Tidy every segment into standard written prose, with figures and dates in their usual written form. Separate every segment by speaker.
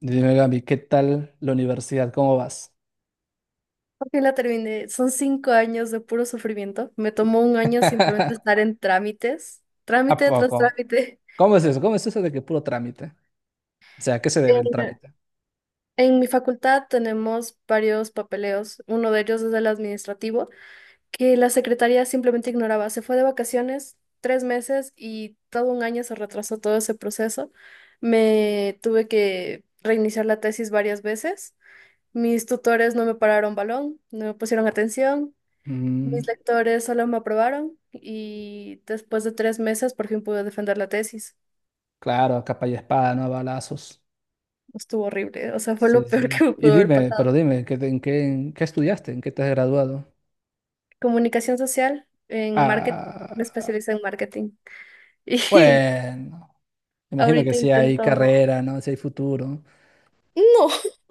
Speaker 1: Dime, Gaby, ¿qué tal la universidad? ¿Cómo vas?
Speaker 2: Porque la terminé. Son 5 años de puro sufrimiento. Me tomó un año simplemente estar en trámites,
Speaker 1: ¿A
Speaker 2: trámite tras
Speaker 1: poco?
Speaker 2: trámite.
Speaker 1: ¿Cómo es eso? ¿Cómo es eso de que puro trámite? O sea, ¿a qué se debe el
Speaker 2: En,
Speaker 1: trámite?
Speaker 2: en mi facultad tenemos varios papeleos. Uno de ellos es el administrativo, que la secretaría simplemente ignoraba. Se fue de vacaciones 3 meses y todo un año se retrasó todo ese proceso. Me tuve que reiniciar la tesis varias veces. Mis tutores no me pararon balón, no me pusieron atención.
Speaker 1: Mm,
Speaker 2: Mis lectores solo me aprobaron y después de 3 meses por fin pude defender la tesis.
Speaker 1: claro, capa y espada, no a balazos.
Speaker 2: Estuvo horrible, o sea, fue
Speaker 1: Sí,
Speaker 2: lo
Speaker 1: sí.
Speaker 2: peor que me pudo haber
Speaker 1: Pero
Speaker 2: pasado.
Speaker 1: dime, en qué estudiaste? ¿En qué te has graduado?
Speaker 2: Comunicación social en marketing, me
Speaker 1: Ah,
Speaker 2: especialicé en marketing y
Speaker 1: bueno, imagino que
Speaker 2: ahorita
Speaker 1: sí hay
Speaker 2: intento...
Speaker 1: carrera, ¿no? Si hay futuro.
Speaker 2: No,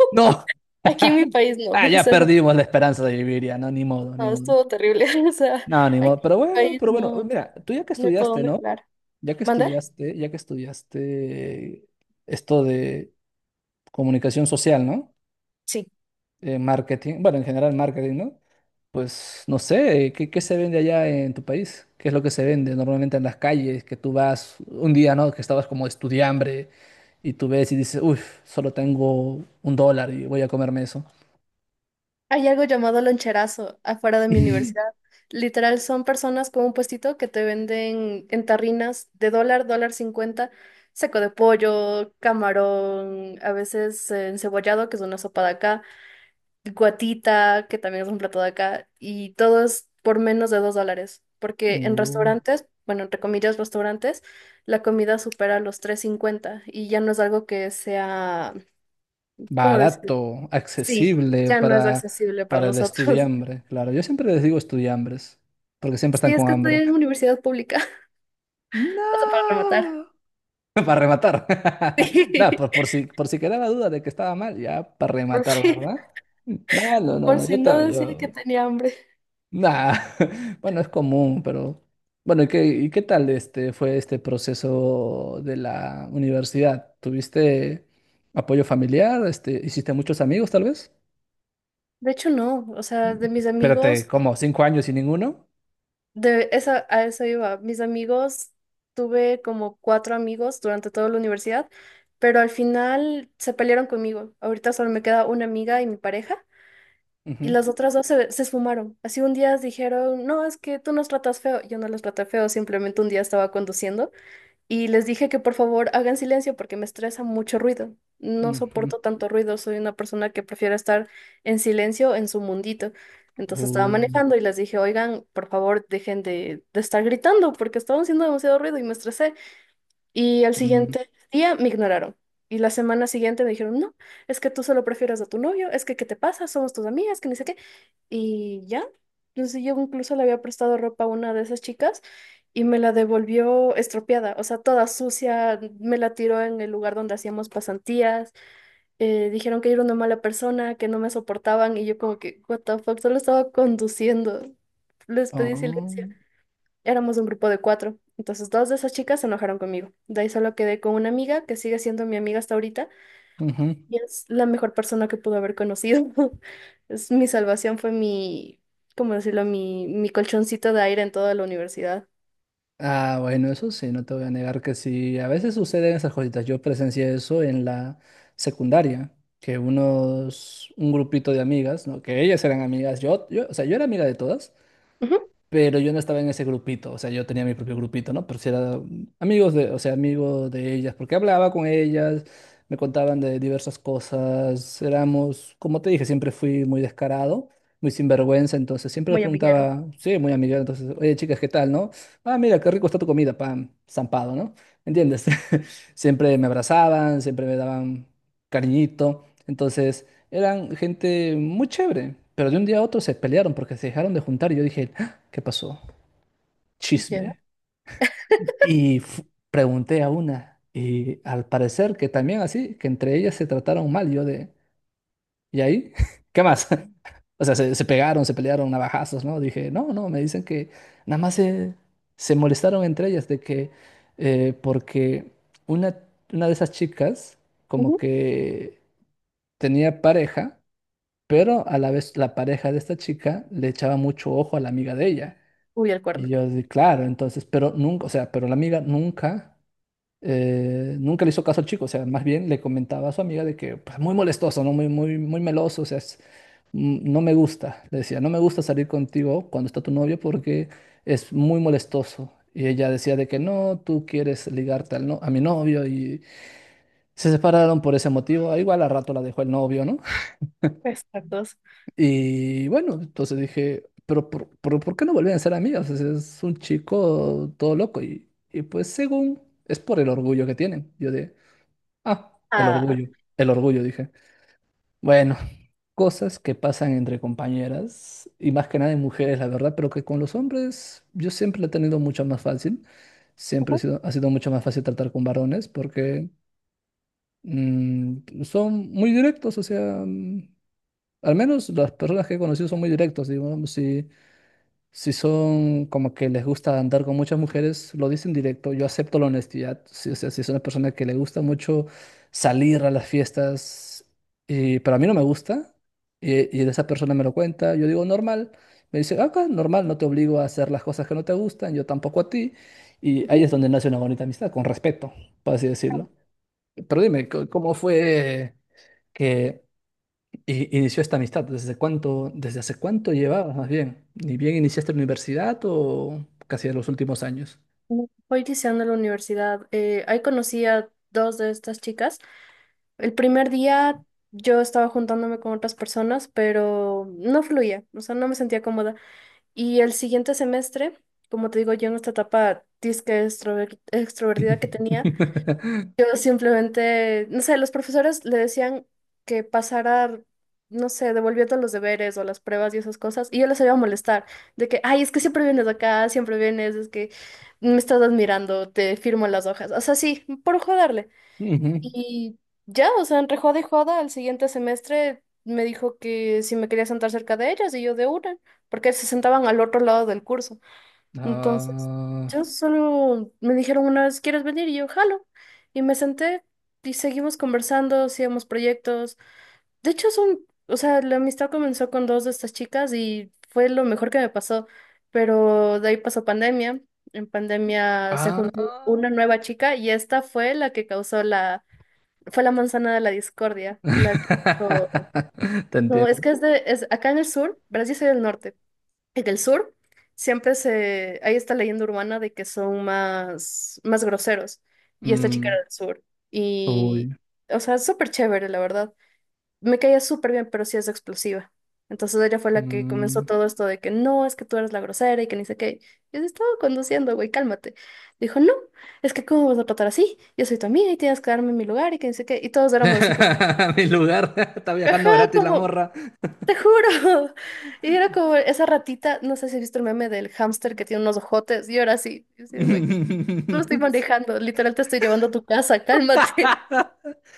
Speaker 1: ¡No!
Speaker 2: aquí en mi país no,
Speaker 1: Ah,
Speaker 2: o
Speaker 1: ya
Speaker 2: sea,
Speaker 1: perdimos la esperanza de vivir, ya, no, ni modo, ni
Speaker 2: no,
Speaker 1: modo.
Speaker 2: estuvo terrible, o sea,
Speaker 1: No, ni modo.
Speaker 2: aquí en
Speaker 1: Pero
Speaker 2: mi
Speaker 1: bueno,
Speaker 2: país
Speaker 1: pero bueno,
Speaker 2: no,
Speaker 1: mira, tú ya que
Speaker 2: no hay por
Speaker 1: estudiaste,
Speaker 2: dónde
Speaker 1: ¿no?
Speaker 2: jugar.
Speaker 1: Ya que
Speaker 2: ¿Mandar?
Speaker 1: estudiaste, ya que estudiaste esto de comunicación social, ¿no? Marketing, bueno, en general marketing, ¿no? Pues no sé, ¿qué se vende allá en tu país? ¿Qué es lo que se vende normalmente en las calles? Que tú vas un día, ¿no? Que estabas como estudiambre y tú ves y dices, uff, solo tengo $1 y voy a comerme eso.
Speaker 2: Hay algo llamado loncherazo afuera de mi universidad. Literal, son personas con un puestito que te venden en tarrinas de dólar, dólar cincuenta, seco de pollo, camarón, a veces encebollado, que es una sopa de acá, guatita, que también es un plato de acá, y todo es por menos de $2. Porque en
Speaker 1: Uh,
Speaker 2: restaurantes, bueno, entre comillas, restaurantes, la comida supera los 3.50 y ya no es algo que sea, ¿cómo decir?
Speaker 1: barato,
Speaker 2: Sí,
Speaker 1: accesible
Speaker 2: ya no es
Speaker 1: para,
Speaker 2: accesible para
Speaker 1: para el
Speaker 2: nosotros.
Speaker 1: estudiambre. Claro, yo siempre les digo estudiambres, porque siempre
Speaker 2: Sí,
Speaker 1: están
Speaker 2: es
Speaker 1: con
Speaker 2: que
Speaker 1: hambre.
Speaker 2: estudié en universidad pública, o sea, para rematar.
Speaker 1: No. Para rematar. No,
Speaker 2: Sí,
Speaker 1: por si quedaba duda de que estaba mal, ya para
Speaker 2: por
Speaker 1: rematar,
Speaker 2: si,
Speaker 1: ¿verdad? No, no, no,
Speaker 2: por
Speaker 1: no,
Speaker 2: si
Speaker 1: yo
Speaker 2: no
Speaker 1: también,
Speaker 2: decía que
Speaker 1: yo...
Speaker 2: tenía hambre.
Speaker 1: Nah. Bueno, es común, pero... Bueno, ¿y qué tal fue este proceso de la universidad? ¿Tuviste apoyo familiar? ¿Hiciste muchos amigos, tal vez?
Speaker 2: De hecho, no, o sea, de mis
Speaker 1: Espérate,
Speaker 2: amigos,
Speaker 1: ¿cómo? ¿5 años sin ninguno?
Speaker 2: de esa, a eso iba, mis amigos, tuve como cuatro amigos durante toda la universidad, pero al final se pelearon conmigo. Ahorita solo me queda una amiga y mi pareja, y
Speaker 1: Ujú,
Speaker 2: las otras dos se esfumaron. Así un día dijeron, no, es que tú nos tratas feo. Yo no los traté feo, simplemente un día estaba conduciendo. Y les dije que por favor hagan silencio porque me estresa mucho ruido. No
Speaker 1: ujú.
Speaker 2: soporto tanto ruido, soy una persona que prefiere estar en silencio en su mundito. Entonces estaba
Speaker 1: Uh,
Speaker 2: manejando y les dije, oigan, por favor dejen de estar gritando porque estaban haciendo demasiado ruido y me estresé. Y al
Speaker 1: mm,
Speaker 2: siguiente día me ignoraron. Y la semana siguiente me dijeron, no, es que tú solo prefieres a tu novio, es que ¿qué te pasa? Somos tus amigas, que ni sé qué. Y ya. Entonces yo incluso le había prestado ropa a una de esas chicas y me la devolvió estropeada, o sea, toda sucia, me la tiró en el lugar donde hacíamos pasantías. Eh, dijeron que era una mala persona, que no me soportaban y yo como que, what the fuck, solo estaba conduciendo. Les pedí
Speaker 1: oh,
Speaker 2: silencio. Éramos un grupo de cuatro, entonces dos de esas chicas se enojaron conmigo. De ahí solo quedé con una amiga que sigue siendo mi amiga hasta ahorita
Speaker 1: ujú.
Speaker 2: y es la mejor persona que pudo haber conocido. Es mi salvación, fue mi, ¿cómo decirlo? Mi colchoncito de aire en toda la universidad.
Speaker 1: Ah, bueno, eso sí, no te voy a negar que sí, a veces suceden esas cositas. Yo presencié eso en la secundaria, que un grupito de amigas, ¿no? Que ellas eran amigas, yo, o sea, yo era amiga de todas,
Speaker 2: Ujú.
Speaker 1: pero yo no estaba en ese grupito, o sea, yo tenía mi propio grupito, ¿no? Pero sí era amigos de, o sea, amigos de ellas, porque hablaba con ellas, me contaban de diversas cosas, éramos, como te dije, siempre fui muy descarado, muy sinvergüenza, entonces siempre les
Speaker 2: Muy amiguero.
Speaker 1: preguntaba, sí, muy amiga, entonces, oye, chicas, ¿qué tal, no? Ah, mira, qué rico está tu comida, pam, zampado, ¿no? ¿Entiendes? Siempre me abrazaban, siempre me daban cariñito, entonces eran gente muy chévere, pero de un día a otro se pelearon porque se dejaron de juntar y yo dije, ¿qué pasó?
Speaker 2: Ya,
Speaker 1: Chisme. Y pregunté a una, y al parecer que también así, que entre ellas se trataron mal, yo de, ¿y ahí? ¿Qué más? O sea, se pegaron, se pelearon navajazos, ¿no? Dije, no, no, me dicen que nada más se, se molestaron entre ellas de que, porque una, una de esas chicas como
Speaker 2: ujú.
Speaker 1: que tenía pareja, pero a la vez la pareja de esta chica le echaba mucho ojo a la amiga de ella.
Speaker 2: Uy, el
Speaker 1: Y
Speaker 2: cuerno.
Speaker 1: yo así, claro, entonces, pero nunca, o sea, pero la amiga nunca, nunca le hizo caso al chico, o sea, más bien le comentaba a su amiga de que, pues, muy molestoso, ¿no? Muy, muy, muy meloso, o sea, no me gusta, le decía, no me gusta salir contigo cuando está tu novio porque es muy molestoso. Y ella decía de que no, tú quieres ligarte al a mi novio y se separaron por ese motivo. Ah, igual a rato la dejó el novio, ¿no?
Speaker 2: Exactos.
Speaker 1: Y bueno, entonces dije, pero ¿por qué no volvían a ser amigos? Es un chico todo loco. Y pues según es por el orgullo que tienen. Yo de, ah,
Speaker 2: Ah,
Speaker 1: el orgullo, dije. Bueno, cosas que pasan entre compañeras y más que nada en mujeres, la verdad, pero que con los hombres yo siempre lo he tenido mucho más fácil. Siempre he
Speaker 2: ujú,
Speaker 1: sido, ha sido mucho más fácil tratar con varones porque son muy directos. O sea, al menos las personas que he conocido son muy directos, digamos, si son como que les gusta andar con muchas mujeres, lo dicen directo, yo acepto la honestidad. Si, o sea, si es una persona que le gusta mucho salir a las fiestas, pero a mí no me gusta, y esa persona me lo cuenta, yo digo normal. Me dice, acá normal, no te obligo a hacer las cosas que no te gustan, yo tampoco a ti. Y ahí es donde nace una bonita amistad, con respeto, por así decirlo. Pero dime, ¿cómo fue que... Y inició esta amistad? ¿Desde hace cuánto llevabas más bien? ¿Ni bien iniciaste la universidad o casi de los últimos años?
Speaker 2: ujú. Hoy iniciando la universidad, ahí conocí a dos de estas chicas. El primer día yo estaba juntándome con otras personas, pero no fluía, o sea, no me sentía cómoda. Y el siguiente semestre, como te digo, yo en esta etapa disque extrovertida que tenía, yo simplemente, no sé, los profesores le decían que pasara, no sé, devolviendo los deberes o las pruebas y esas cosas, y yo les iba a molestar, de que, ay, es que siempre vienes acá, siempre vienes, es que me estás admirando, te firmo las hojas, o sea, sí, por joderle.
Speaker 1: Ujú.
Speaker 2: Y ya, o sea, entre joda y joda, al siguiente semestre me dijo que si me quería sentar cerca de ellas y yo de una, porque se sentaban al otro lado del curso. Entonces,
Speaker 1: Ah,
Speaker 2: yo solo me dijeron una vez, ¿quieres venir? Y yo, jalo. Y me senté y seguimos conversando, hacíamos proyectos. De hecho, son, o sea, la amistad comenzó con dos de estas chicas y fue lo mejor que me pasó. Pero de ahí pasó pandemia. En pandemia se juntó
Speaker 1: ah.
Speaker 2: una nueva chica y esta fue la que causó la, fue la manzana de la discordia, la que...
Speaker 1: Te
Speaker 2: No, es
Speaker 1: entiendo.
Speaker 2: que es de... Es, acá en el sur, verás, yo soy del norte. En el sur siempre se... Hay esta leyenda urbana de que son más, más groseros. Y esta chica era
Speaker 1: Mm,
Speaker 2: del sur. Y...
Speaker 1: uy,
Speaker 2: O sea, es súper chévere, la verdad. Me caía súper bien, pero sí es explosiva. Entonces ella fue la que comenzó
Speaker 1: mm.
Speaker 2: todo esto de que no, es que tú eres la grosera y que ni sé qué. Yo estaba conduciendo, güey, cálmate. Dijo, no, es que cómo me vas a tratar así, yo soy tu amiga y tienes que darme mi lugar y que ni sé qué. Y todos éramos así como...
Speaker 1: Mi lugar está
Speaker 2: Ajá,
Speaker 1: viajando gratis la
Speaker 2: como,
Speaker 1: morra.
Speaker 2: te juro. Y era como esa ratita, no sé si has visto el meme del hámster que tiene unos ojotes, y ahora sí, y así, güey, no estoy manejando, literal te estoy llevando a tu casa, cálmate.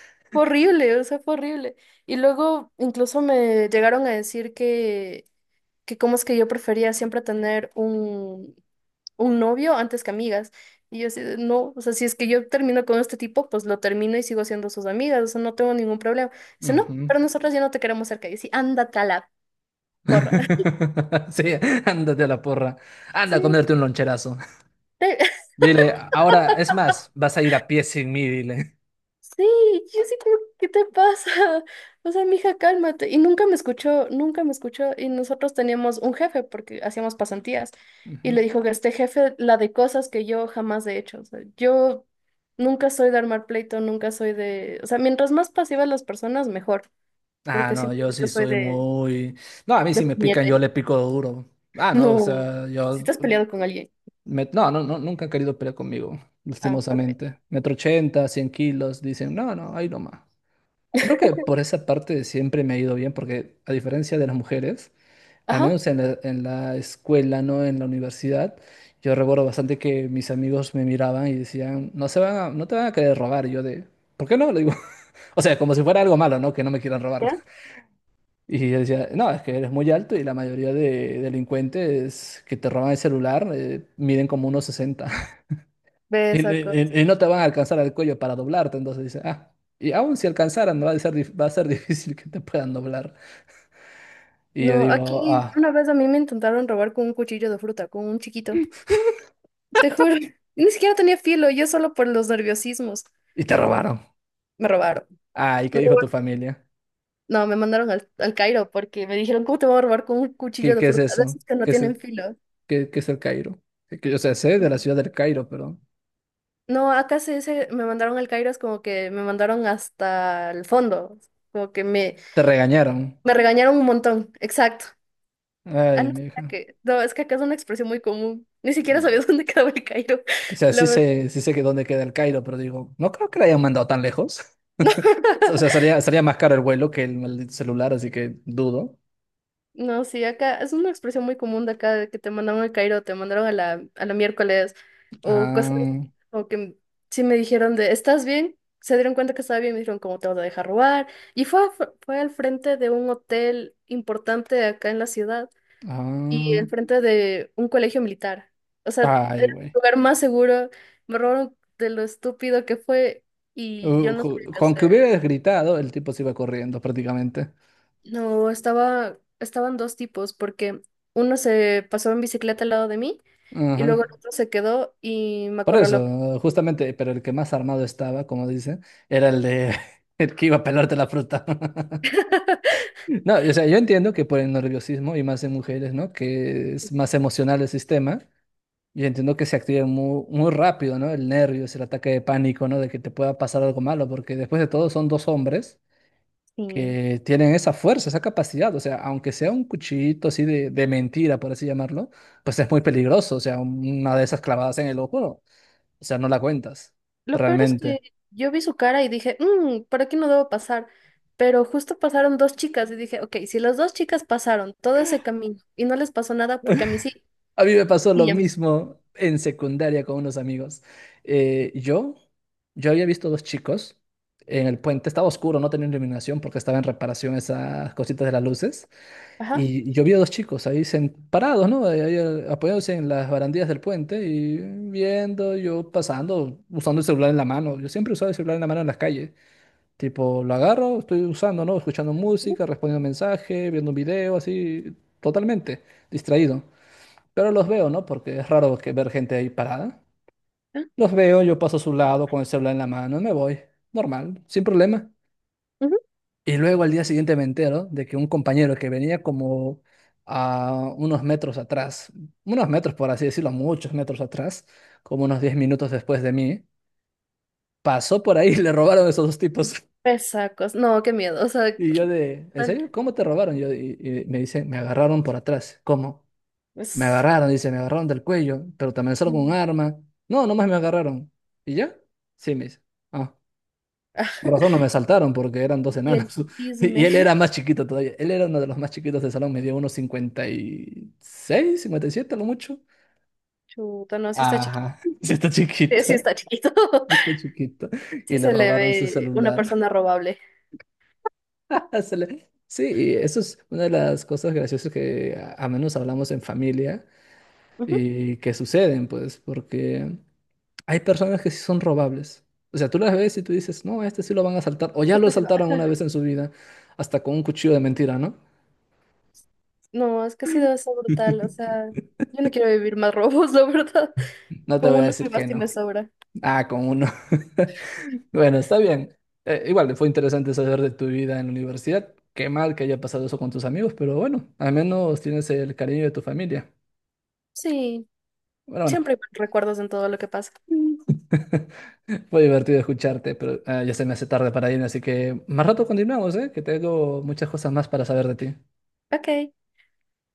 Speaker 2: Fue horrible, o sea, fue horrible. Y luego incluso me llegaron a decir que cómo es que yo prefería siempre tener un novio antes que amigas. Y yo así, de, no, o sea, si es que yo termino con este tipo, pues lo termino y sigo siendo sus amigas, o sea, no tengo ningún problema. Dice, no,
Speaker 1: Ujú.
Speaker 2: pero nosotros ya no te queremos cerca. Y yo así, ándate a la porra.
Speaker 1: Sí, ándate a la porra. Anda
Speaker 2: Sí,
Speaker 1: a comerte un loncherazo.
Speaker 2: te-
Speaker 1: Dile, ahora, es más, vas a ir a pie sin mí, dile.
Speaker 2: sí, yo sí como, ¿qué te pasa? O sea, mija, cálmate. Y nunca me escuchó, nunca me escuchó. Y nosotros teníamos un jefe porque hacíamos pasantías. Y
Speaker 1: Ujú.
Speaker 2: le dijo que este jefe, la de cosas que yo jamás he hecho. O sea, yo nunca soy de armar pleito, nunca soy de... O sea, mientras más pasivas las personas, mejor.
Speaker 1: Ah,
Speaker 2: Porque
Speaker 1: no, yo
Speaker 2: simplemente
Speaker 1: sí
Speaker 2: soy
Speaker 1: soy muy... No, a mí
Speaker 2: de
Speaker 1: si me pican, yo
Speaker 2: puñete.
Speaker 1: le pico duro. Ah, no, o
Speaker 2: No,
Speaker 1: sea,
Speaker 2: si te has peleado con alguien.
Speaker 1: no, no, no, nunca han querido pelear conmigo,
Speaker 2: Ah, ok.
Speaker 1: lastimosamente. Metro ochenta, 100 kilos, dicen, no, no, ahí nomás. Creo que por esa parte siempre me ha ido bien, porque a diferencia de las mujeres, al
Speaker 2: Ajá.
Speaker 1: menos en la escuela, ¿no? En la universidad, yo recuerdo bastante que mis amigos me miraban y decían, no te van a querer robar. Y yo de, ¿por qué no? Le digo, o sea, como si fuera algo malo, ¿no? Que no me quieran robar.
Speaker 2: ¿Ya?
Speaker 1: Y yo decía, no, es que eres muy alto y la mayoría de delincuentes que te roban el celular miden como unos 60 y,
Speaker 2: Ves.
Speaker 1: y- y no te van a alcanzar al cuello para doblarte. Entonces dice, ah, y aún si alcanzaran, ¿no? Va a ser difícil que te puedan doblar. Y yo
Speaker 2: No,
Speaker 1: digo,
Speaker 2: aquí
Speaker 1: ah,
Speaker 2: una vez a mí me intentaron robar con un cuchillo de fruta, con un chiquito. Te juro, ni siquiera tenía filo, yo solo por los nerviosismos.
Speaker 1: y te robaron.
Speaker 2: Me robaron.
Speaker 1: Ah, ¿y qué
Speaker 2: Me
Speaker 1: dijo tu
Speaker 2: robaron.
Speaker 1: familia?
Speaker 2: No, me mandaron al, al Cairo porque me dijeron, ¿cómo te van a robar con un
Speaker 1: ¿Qué,
Speaker 2: cuchillo de
Speaker 1: qué es
Speaker 2: fruta? De
Speaker 1: eso?
Speaker 2: esos que no
Speaker 1: ¿Qué es
Speaker 2: tienen
Speaker 1: el,
Speaker 2: filo.
Speaker 1: qué, qué es el Cairo? O sea, sé de la ciudad del Cairo, pero
Speaker 2: No, acá se dice, me mandaron al Cairo, es como que me mandaron hasta el fondo. Como que me,
Speaker 1: te regañaron.
Speaker 2: me regañaron un montón. Exacto. Ah,
Speaker 1: Ay,
Speaker 2: no,
Speaker 1: mi
Speaker 2: es
Speaker 1: hija.
Speaker 2: que, no, es que acá es una expresión muy común. Ni siquiera sabía dónde quedaba el Cairo,
Speaker 1: O sea,
Speaker 2: la
Speaker 1: sí
Speaker 2: verdad.
Speaker 1: sé, sí sé que dónde queda el Cairo, pero digo, no creo que la hayan mandado tan lejos. O sea, sería más caro el vuelo que el maldito celular, así que dudo.
Speaker 2: No, sí, acá es una expresión muy común de acá de que te mandaron al Cairo, te mandaron a la, miércoles o cosas así,
Speaker 1: Ah,
Speaker 2: como que sí me dijeron de, ¿estás bien? Se dieron cuenta que estaba bien, me dijeron, ¿cómo te vas a dejar robar? Y fue, al frente de un hotel importante acá en la ciudad y
Speaker 1: ah,
Speaker 2: al frente de un colegio militar. O sea, era
Speaker 1: ay,
Speaker 2: el
Speaker 1: güey.
Speaker 2: lugar más seguro, me robaron de lo estúpido que fue y yo no sabía qué
Speaker 1: Con que
Speaker 2: hacer.
Speaker 1: hubieras gritado, el tipo se iba corriendo prácticamente.
Speaker 2: No, estaba, estaban dos tipos, porque uno se pasó en bicicleta al lado de mí y
Speaker 1: Ajá.
Speaker 2: luego el otro se quedó y me
Speaker 1: Por
Speaker 2: acorraló.
Speaker 1: eso, justamente, pero el que más armado estaba, como dicen, era el de el que iba a pelarte la fruta. No, o sea, yo entiendo que por el nerviosismo y más en mujeres, ¿no? Que es más emocional el sistema. Yo entiendo que se activa muy, muy rápido, ¿no? El nervio, es el ataque de pánico, ¿no? De que te pueda pasar algo malo, porque después de todo son dos hombres
Speaker 2: Sí.
Speaker 1: que tienen esa fuerza, esa capacidad. O sea, aunque sea un cuchillito así de mentira, por así llamarlo, pues es muy peligroso. O sea, una de esas clavadas en el ojo, o sea, no la cuentas,
Speaker 2: Lo peor es
Speaker 1: realmente.
Speaker 2: que yo vi su cara y dije, "Mm, por aquí no debo pasar". Pero justo pasaron dos chicas y dije, ok, si las dos chicas pasaron todo ese camino y no les pasó nada, porque a mí sí,
Speaker 1: A mí me pasó lo
Speaker 2: y a mí sí.
Speaker 1: mismo en secundaria con unos amigos. Eh, yo, yo había visto dos chicos en el puente, estaba oscuro, no tenía iluminación porque estaba en reparación esas cositas de las luces.
Speaker 2: Ajá.
Speaker 1: Y yo vi a dos chicos ahí parados, ¿no? Apoyados en las barandillas del puente y viendo, yo pasando, usando el celular en la mano. Yo siempre usaba el celular en la mano en las calles. Tipo, lo agarro, estoy usando, ¿no? Escuchando música, respondiendo mensajes, viendo un video, así, totalmente distraído. Pero los veo, ¿no? Porque es raro que ver gente ahí parada.
Speaker 2: Ah,
Speaker 1: Los veo, yo paso a su lado con el celular en la mano, me voy, normal, sin problema.
Speaker 2: ujú.
Speaker 1: Y luego al día siguiente me entero de que un compañero que venía como a unos metros atrás, unos metros por así decirlo, muchos metros atrás, como unos 10 minutos después de mí, pasó por ahí y le robaron a esos dos tipos.
Speaker 2: Pesacos. No, qué miedo. O sea,
Speaker 1: Y
Speaker 2: qué
Speaker 1: yo de, ¿en
Speaker 2: tal.
Speaker 1: serio? ¿Cómo te robaron? Y me dice, me agarraron por atrás. ¿Cómo? Me
Speaker 2: Es
Speaker 1: agarraron, dice, me agarraron del cuello, pero te amenazaron
Speaker 2: no.
Speaker 1: con un arma. No, nomás me agarraron. ¿Y ya? Sí, me dice. Ah, por razón no me saltaron porque eran dos
Speaker 2: Y el
Speaker 1: enanos. Y él era
Speaker 2: chisme.
Speaker 1: más chiquito todavía. Él era uno de los más chiquitos del salón, medía unos 56 57 a lo mucho.
Speaker 2: Chuta, no, sí está chiquito.
Speaker 1: Ajá, sí está
Speaker 2: Sí, sí
Speaker 1: chiquito,
Speaker 2: está chiquito.
Speaker 1: sí está chiquito.
Speaker 2: Sí
Speaker 1: Y le
Speaker 2: se le
Speaker 1: robaron su
Speaker 2: ve una
Speaker 1: celular.
Speaker 2: persona robable.
Speaker 1: Sí, y eso es una de las cosas graciosas que a menos hablamos en familia
Speaker 2: Ujú.
Speaker 1: y que suceden, pues, porque hay personas que sí son robables. O sea, tú las ves y tú dices, no, a este sí lo van a asaltar, o ya lo
Speaker 2: Hasta se va.
Speaker 1: asaltaron una vez en su vida, hasta con un cuchillo de mentira, ¿no?
Speaker 2: No, es que ha sido eso brutal. O sea, yo no quiero vivir más robos, la verdad.
Speaker 1: No te
Speaker 2: Con
Speaker 1: voy a
Speaker 2: uno me
Speaker 1: decir que
Speaker 2: basta y me
Speaker 1: no.
Speaker 2: sobra.
Speaker 1: Ah, con uno. Bueno, está bien. Igual, fue interesante saber de tu vida en la universidad. Qué mal que haya pasado eso con tus amigos, pero bueno, al menos tienes el cariño de tu familia.
Speaker 2: Sí,
Speaker 1: Bueno, bueno.
Speaker 2: siempre hay recuerdos en todo lo que pasa.
Speaker 1: Fue divertido escucharte, pero ah, ya se me hace tarde para irme, así que más rato continuamos, ¿eh? Que tengo muchas cosas más para saber de ti.
Speaker 2: Ok.